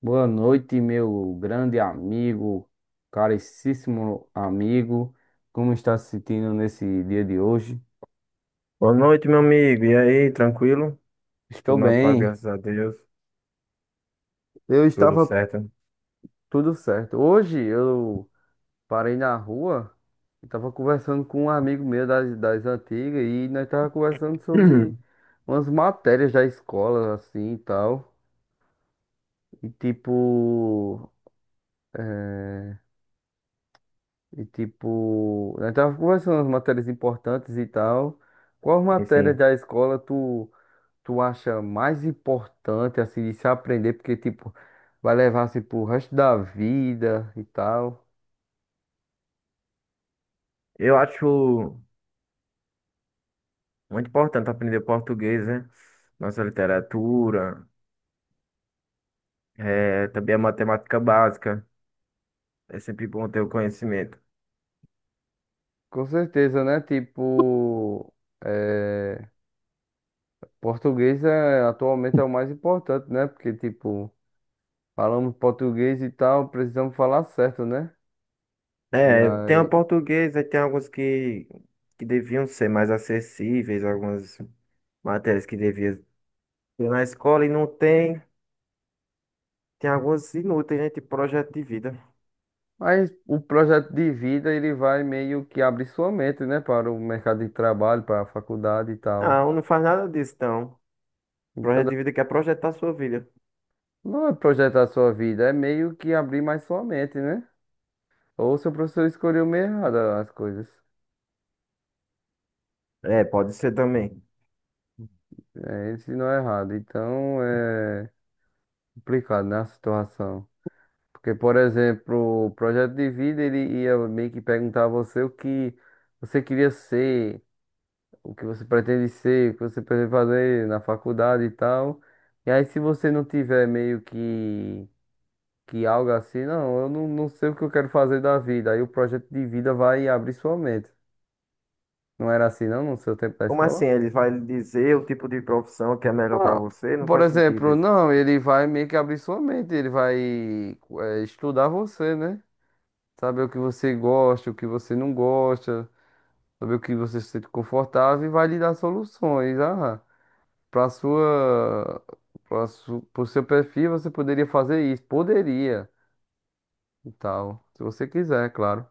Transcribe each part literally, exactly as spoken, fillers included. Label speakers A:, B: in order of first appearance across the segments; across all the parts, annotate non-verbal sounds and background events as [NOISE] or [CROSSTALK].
A: Boa noite, meu grande amigo, caríssimo amigo. Como está se sentindo nesse dia de hoje?
B: Boa noite, meu amigo. E aí, tranquilo?
A: Estou
B: Tudo na paz,
A: bem.
B: graças a Deus.
A: Eu
B: Tudo
A: estava
B: certo.
A: tudo certo. Hoje eu parei na rua e estava conversando com um amigo meu das, das antigas e nós estávamos conversando
B: [CLEARS THROAT]
A: sobre umas matérias da escola, assim e tal. E tipo. E tipo. Nós estávamos conversando umas matérias importantes e tal. Qual matéria
B: Enfim,
A: da escola tu. Tu acha mais importante, assim, de se aprender, porque, tipo, vai levar, assim, pro resto da vida e tal?
B: eu acho muito importante aprender português, né? Nossa literatura, eh, também a matemática básica. É sempre bom ter o conhecimento.
A: Com certeza, né? Tipo, é, português é, atualmente é o mais importante, né? Porque, tipo, falamos português e tal, precisamos falar certo, né? E
B: É, tem o
A: aí,
B: português, aí tem alguns que, que deviam ser mais acessíveis, algumas matérias que deviam ter na escola e não tem. Tem algumas inúteis, né? Tipo projeto de vida.
A: mas o projeto de vida, ele vai meio que abrir sua mente, né? Para o mercado de trabalho, para a faculdade e tal.
B: Ah, um não faz nada disso, então.
A: Então,
B: Projeto de vida que é projetar a sua vida.
A: não é projetar sua vida, é meio que abrir mais sua mente, né? Ou seu professor escolheu meio errado as coisas.
B: É, pode ser também.
A: É, ele ensinou errado. Então é complicado, né, a situação. Porque, por exemplo, o projeto de vida, ele ia meio que perguntar a você o que você queria ser, o que você pretende ser, o que você pretende fazer na faculdade e tal. E aí, se você não tiver meio que, que algo assim, não, eu não, não sei o que eu quero fazer da vida. Aí o projeto de vida vai abrir sua mente. Não era assim, não, no seu tempo da
B: Como assim?
A: escola?
B: Ele vai lhe dizer o tipo de profissão que é melhor para
A: Ah,
B: você? Não
A: por
B: faz sentido
A: exemplo,
B: isso.
A: não, ele vai meio que abrir sua mente, ele vai eh, estudar você, né? Saber o que você gosta, o que você não gosta, saber o que você se sente confortável e vai lhe dar soluções. Ah, para sua, para su, pro seu perfil você poderia fazer isso, poderia e tal, se você quiser, claro.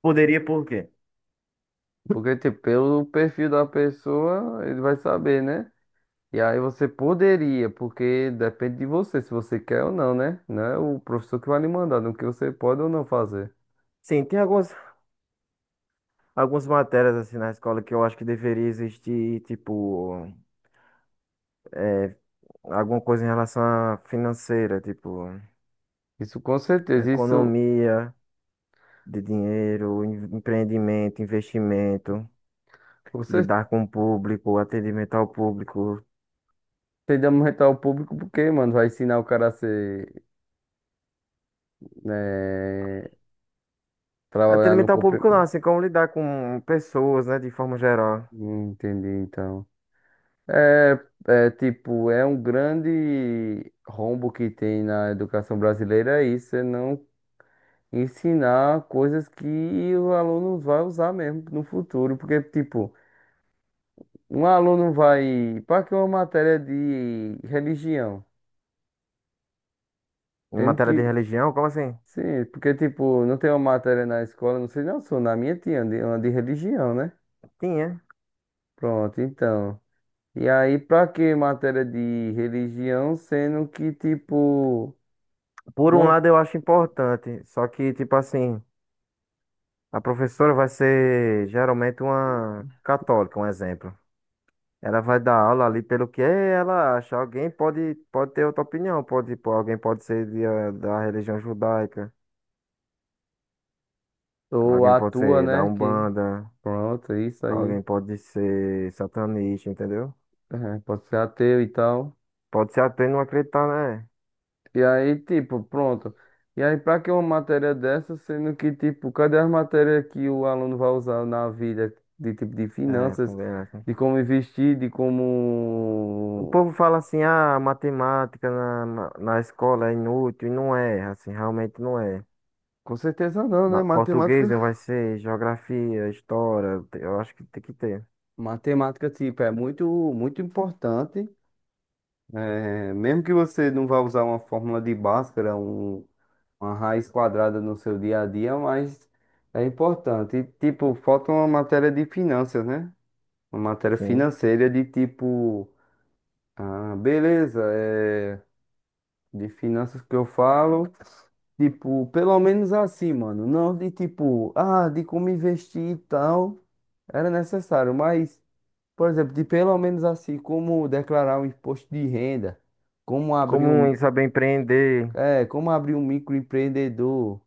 B: Poderia por quê?
A: Porque, tipo, pelo perfil da pessoa, ele vai saber, né? E aí você poderia, porque depende de você, se você quer ou não, né? Não é o professor que vai lhe mandar no que você pode ou não fazer.
B: Sim, tem algumas, algumas matérias assim na escola que eu acho que deveria existir, tipo, alguma coisa em relação à financeira, tipo,
A: Isso com certeza, isso
B: economia de dinheiro, em- empreendimento, investimento,
A: você
B: lidar com o público, atendimento ao público.
A: tem de aumentar o público porque, mano, vai ensinar o cara a ser, né, trabalhar no
B: Atendimento ao
A: compre...
B: público não, assim como lidar com pessoas, né, de forma geral.
A: Entendi, então. É, é tipo, é um grande rombo que tem na educação brasileira é isso, é não ensinar coisas que o aluno vai usar mesmo no futuro, porque, tipo, um aluno vai para que uma matéria de religião,
B: Em
A: sendo
B: matéria de
A: que
B: religião, como assim?
A: sim, porque tipo, não tem uma matéria na escola, não sei não, sou na minha tinha de, uma de religião, né?
B: Tinha.
A: Pronto, então. E aí para que matéria de religião, sendo que tipo
B: Por um
A: não
B: lado, eu acho importante, só que, tipo assim, a professora vai ser geralmente uma católica, um exemplo. Ela vai dar aula ali pelo que ela acha. Alguém pode, pode ter outra opinião, pode, pô, alguém pode ser de, eh, da religião judaica,
A: ou
B: alguém pode
A: atua,
B: ser da
A: né, que
B: Umbanda,
A: pronto, é isso aí.
B: alguém pode ser satanista, entendeu?
A: Aham, pode ser ateu e tal.
B: Pode ser até não acreditar, né?
A: E aí, tipo, pronto. E aí, pra que uma matéria dessa, sendo que, tipo, cadê as matérias que o aluno vai usar na vida, de tipo, de
B: É,
A: finanças,
B: também é.
A: de como investir, de
B: O
A: como.
B: povo fala assim, ah, matemática na, na, na escola é inútil, e não é, assim, realmente não é.
A: Com certeza não, né?
B: Ma- Português
A: Matemática.
B: não vai ser, geografia, história, te- eu acho que tem que ter,
A: Matemática, tipo, é muito, muito importante. É, mesmo que você não vá usar uma fórmula de Bhaskara, um, uma raiz quadrada no seu dia a dia, mas é importante. E, tipo, falta uma matéria de finanças, né? Uma matéria
B: sim.
A: financeira de tipo, ah, beleza, é de finanças que eu falo, tipo, pelo menos assim, mano, não de tipo, ah, de como investir e tal, era necessário, mas, por exemplo, de pelo menos assim, como declarar um imposto de renda, como abrir
B: Como
A: um,
B: em saber empreender,
A: é, como abrir um microempreendedor,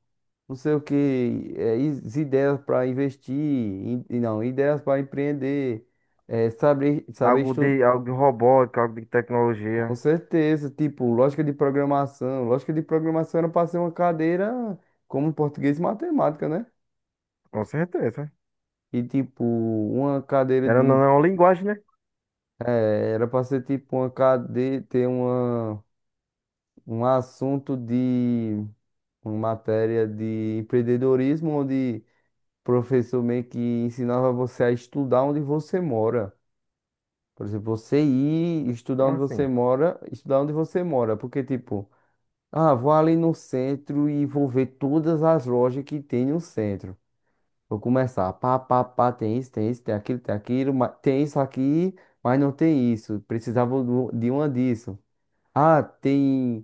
A: não sei o que, é, is- ideias para investir, e, e não, ideias para empreender, é, saber, saber
B: algo de, algo de robótica, algo de
A: com
B: tecnologia,
A: certeza, tipo, lógica de programação. Lógica de programação era para ser uma cadeira como português e matemática, né?
B: com certeza.
A: E tipo, uma cadeira
B: Era não,
A: de.
B: não é uma linguagem, né?
A: É, era para ser tipo uma cadeira, ter uma, um assunto de uma matéria de empreendedorismo, onde o professor meio que ensinava você a estudar onde você mora. Por exemplo, você ir estudar
B: Como
A: onde você
B: assim?
A: mora, estudar onde você mora. Porque, tipo, ah, vou ali no centro e vou ver todas as lojas que tem no centro. Vou começar, pá, pá, pá, tem isso, tem isso, tem aquilo, tem aquilo, ma- tem isso aqui, mas não tem isso. Precisava do- de uma disso. Ah, tem,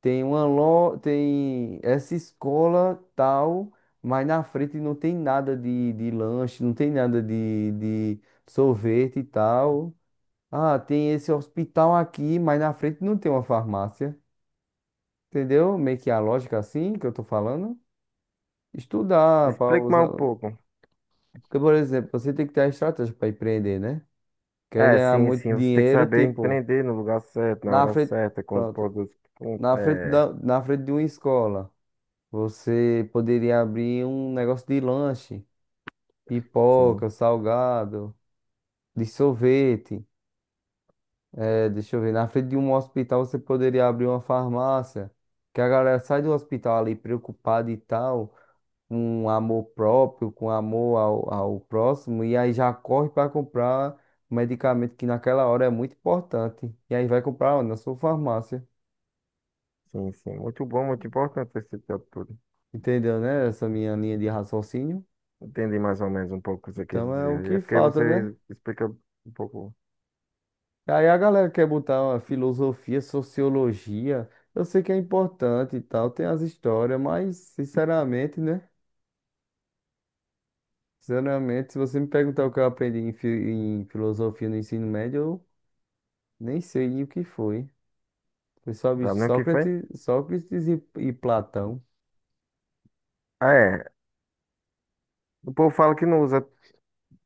A: tem uma loja, tem essa escola tal, mas na frente não tem nada de, de lanche, não tem nada de, de sorvete e tal. Ah, tem esse hospital aqui, mas na frente não tem uma farmácia. Entendeu? Meio que a lógica assim que eu tô falando. Estudar para
B: Explica mais um
A: usar.
B: pouco.
A: Porque, por exemplo, você tem que ter a estratégia para empreender, né? Quer
B: É,
A: ganhar
B: sim,
A: muito
B: sim, você tem que
A: dinheiro,
B: saber
A: tipo,
B: empreender no lugar certo, na
A: na
B: hora
A: frente,
B: certa, com os
A: pronto,
B: produtos, com,
A: na frente
B: é,
A: da, na frente de uma escola, você poderia abrir um negócio de lanche,
B: sim,
A: pipoca, salgado, de sorvete. É, deixa eu ver, na frente de um hospital, você poderia abrir uma farmácia. Que a galera sai do hospital ali preocupada e tal, com amor próprio, com amor ao, ao próximo, e aí já corre para comprar um medicamento que naquela hora é muito importante. E aí vai comprar onde? Na sua farmácia.
B: sim, sim. Muito bom, muito importante esse tipo de tudo.
A: Entendeu, né? Essa minha linha de raciocínio.
B: Entendi mais ou menos um pouco o que você quis
A: Então é o
B: dizer. É
A: que
B: porque
A: falta, né?
B: você explica um pouco.
A: Aí a galera quer botar uma filosofia, sociologia. Eu sei que é importante e tal, tem as histórias, mas sinceramente, né? Sinceramente, se você me perguntar o que eu aprendi em, fi- em filosofia no ensino médio, eu nem sei o que foi. Foi só
B: Sabe nem o que foi?
A: Sócrates, Sócrates e, e Platão.
B: Ah, é. O povo fala que não usa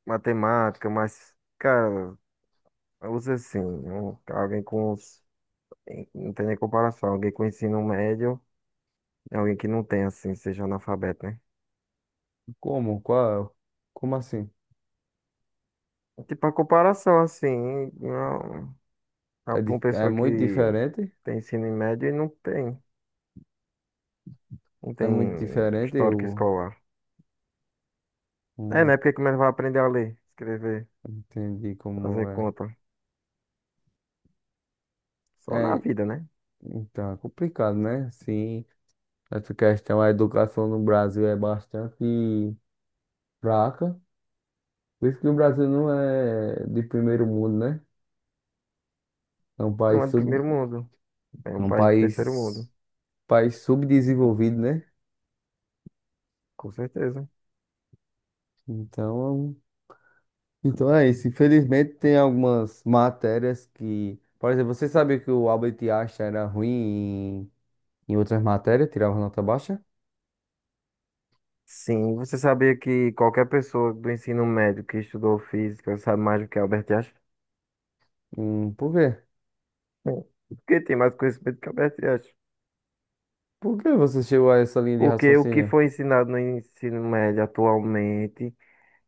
B: matemática, mas, cara, usa sim. Um- Alguém com. os- Não tem nem comparação. Alguém com ensino médio é alguém que não tem, assim, seja analfabeto, né?
A: Como? Qual? Como assim?
B: Tipo, a comparação, assim, não, pra
A: É, di-
B: uma
A: é
B: pessoa que
A: muito diferente?
B: tem ensino médio e não tem. Não
A: É
B: tem
A: muito diferente,
B: histórico
A: eu
B: escolar. É,
A: não
B: né? Porque como ele vai aprender a ler, escrever,
A: entendi como
B: fazer
A: é.
B: conta? Só na
A: É,
B: vida, né?
A: então, é complicado, né? Sim, essa questão, a educação no Brasil é bastante fraca. Por isso que o Brasil não é de primeiro mundo, né? É um
B: Não
A: país
B: é do
A: sub,
B: primeiro mundo. É
A: é
B: um
A: um
B: país de terceiro
A: país,
B: mundo,
A: país subdesenvolvido, né?
B: com certeza.
A: Então, então é isso. Infelizmente tem algumas matérias que, por exemplo, você sabia que o Albert Einstein era ruim em, em outras matérias, tirava nota baixa?
B: Sim, você sabia que qualquer pessoa do ensino médio que estudou física sabe mais do que Albert Einstein?
A: Hum, por quê?
B: Bom, porque tem mais conhecimento que Albert Einstein.
A: Por que você chegou a essa linha de
B: Porque o que
A: raciocínio?
B: foi ensinado no ensino médio atualmente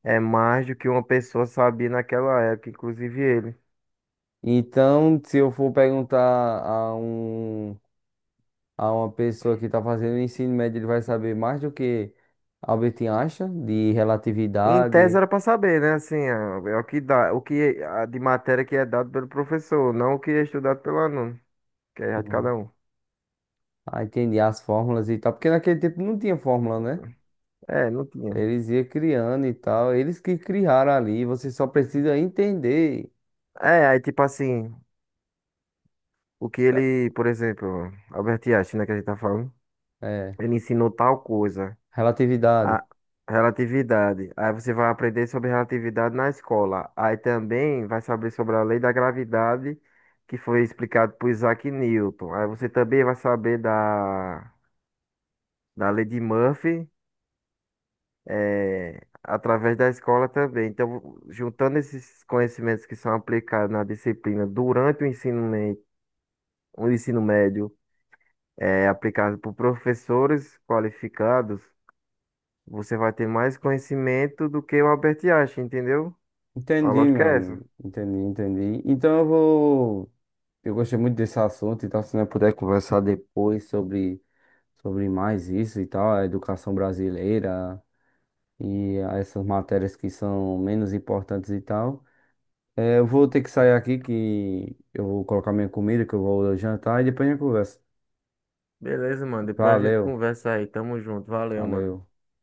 B: é mais do que uma pessoa sabia naquela época, inclusive ele.
A: Então, se eu for perguntar a um a uma pessoa que está fazendo ensino médio, ele vai saber mais do que Albert Einstein de
B: Em tese
A: relatividade.
B: era para saber, né? Assim, ah, é o que dá, o que a de matéria que é dado pelo professor, não o que é estudado pelo aluno, que é de cada um.
A: Ah, entendi as fórmulas e tal, porque naquele tempo não tinha fórmula, né?
B: É, não tinha.
A: Eles iam criando e tal, eles que criaram ali, você só precisa entender.
B: É, aí tipo assim, o que ele, por exemplo, Albert Einstein, né, que a gente tá falando,
A: É,
B: ele ensinou tal coisa,
A: relatividade.
B: a relatividade. Aí você vai aprender sobre relatividade na escola. Aí também vai saber sobre a lei da gravidade, que foi explicado por Isaac Newton. Aí você também vai saber da, da lei de Murphy, é, através da escola também. Então, juntando esses conhecimentos que são aplicados na disciplina durante o ensino, me- o ensino médio é aplicado por professores qualificados, você vai ter mais conhecimento do que o Albert Einstein, entendeu? A
A: Entendi,
B: lógica
A: meu
B: é essa.
A: amigo. Entendi, entendi. Então eu vou. Eu gostei muito desse assunto, então se nós puder conversar depois sobre, sobre mais isso e tal, a educação brasileira e essas matérias que são menos importantes e tal. É, eu vou ter que sair aqui que eu vou colocar minha comida, que eu vou jantar e depois a gente conversa.
B: Beleza, mano. Depois a gente
A: Valeu,
B: conversa aí. Tamo junto. Valeu, mano.
A: valeu.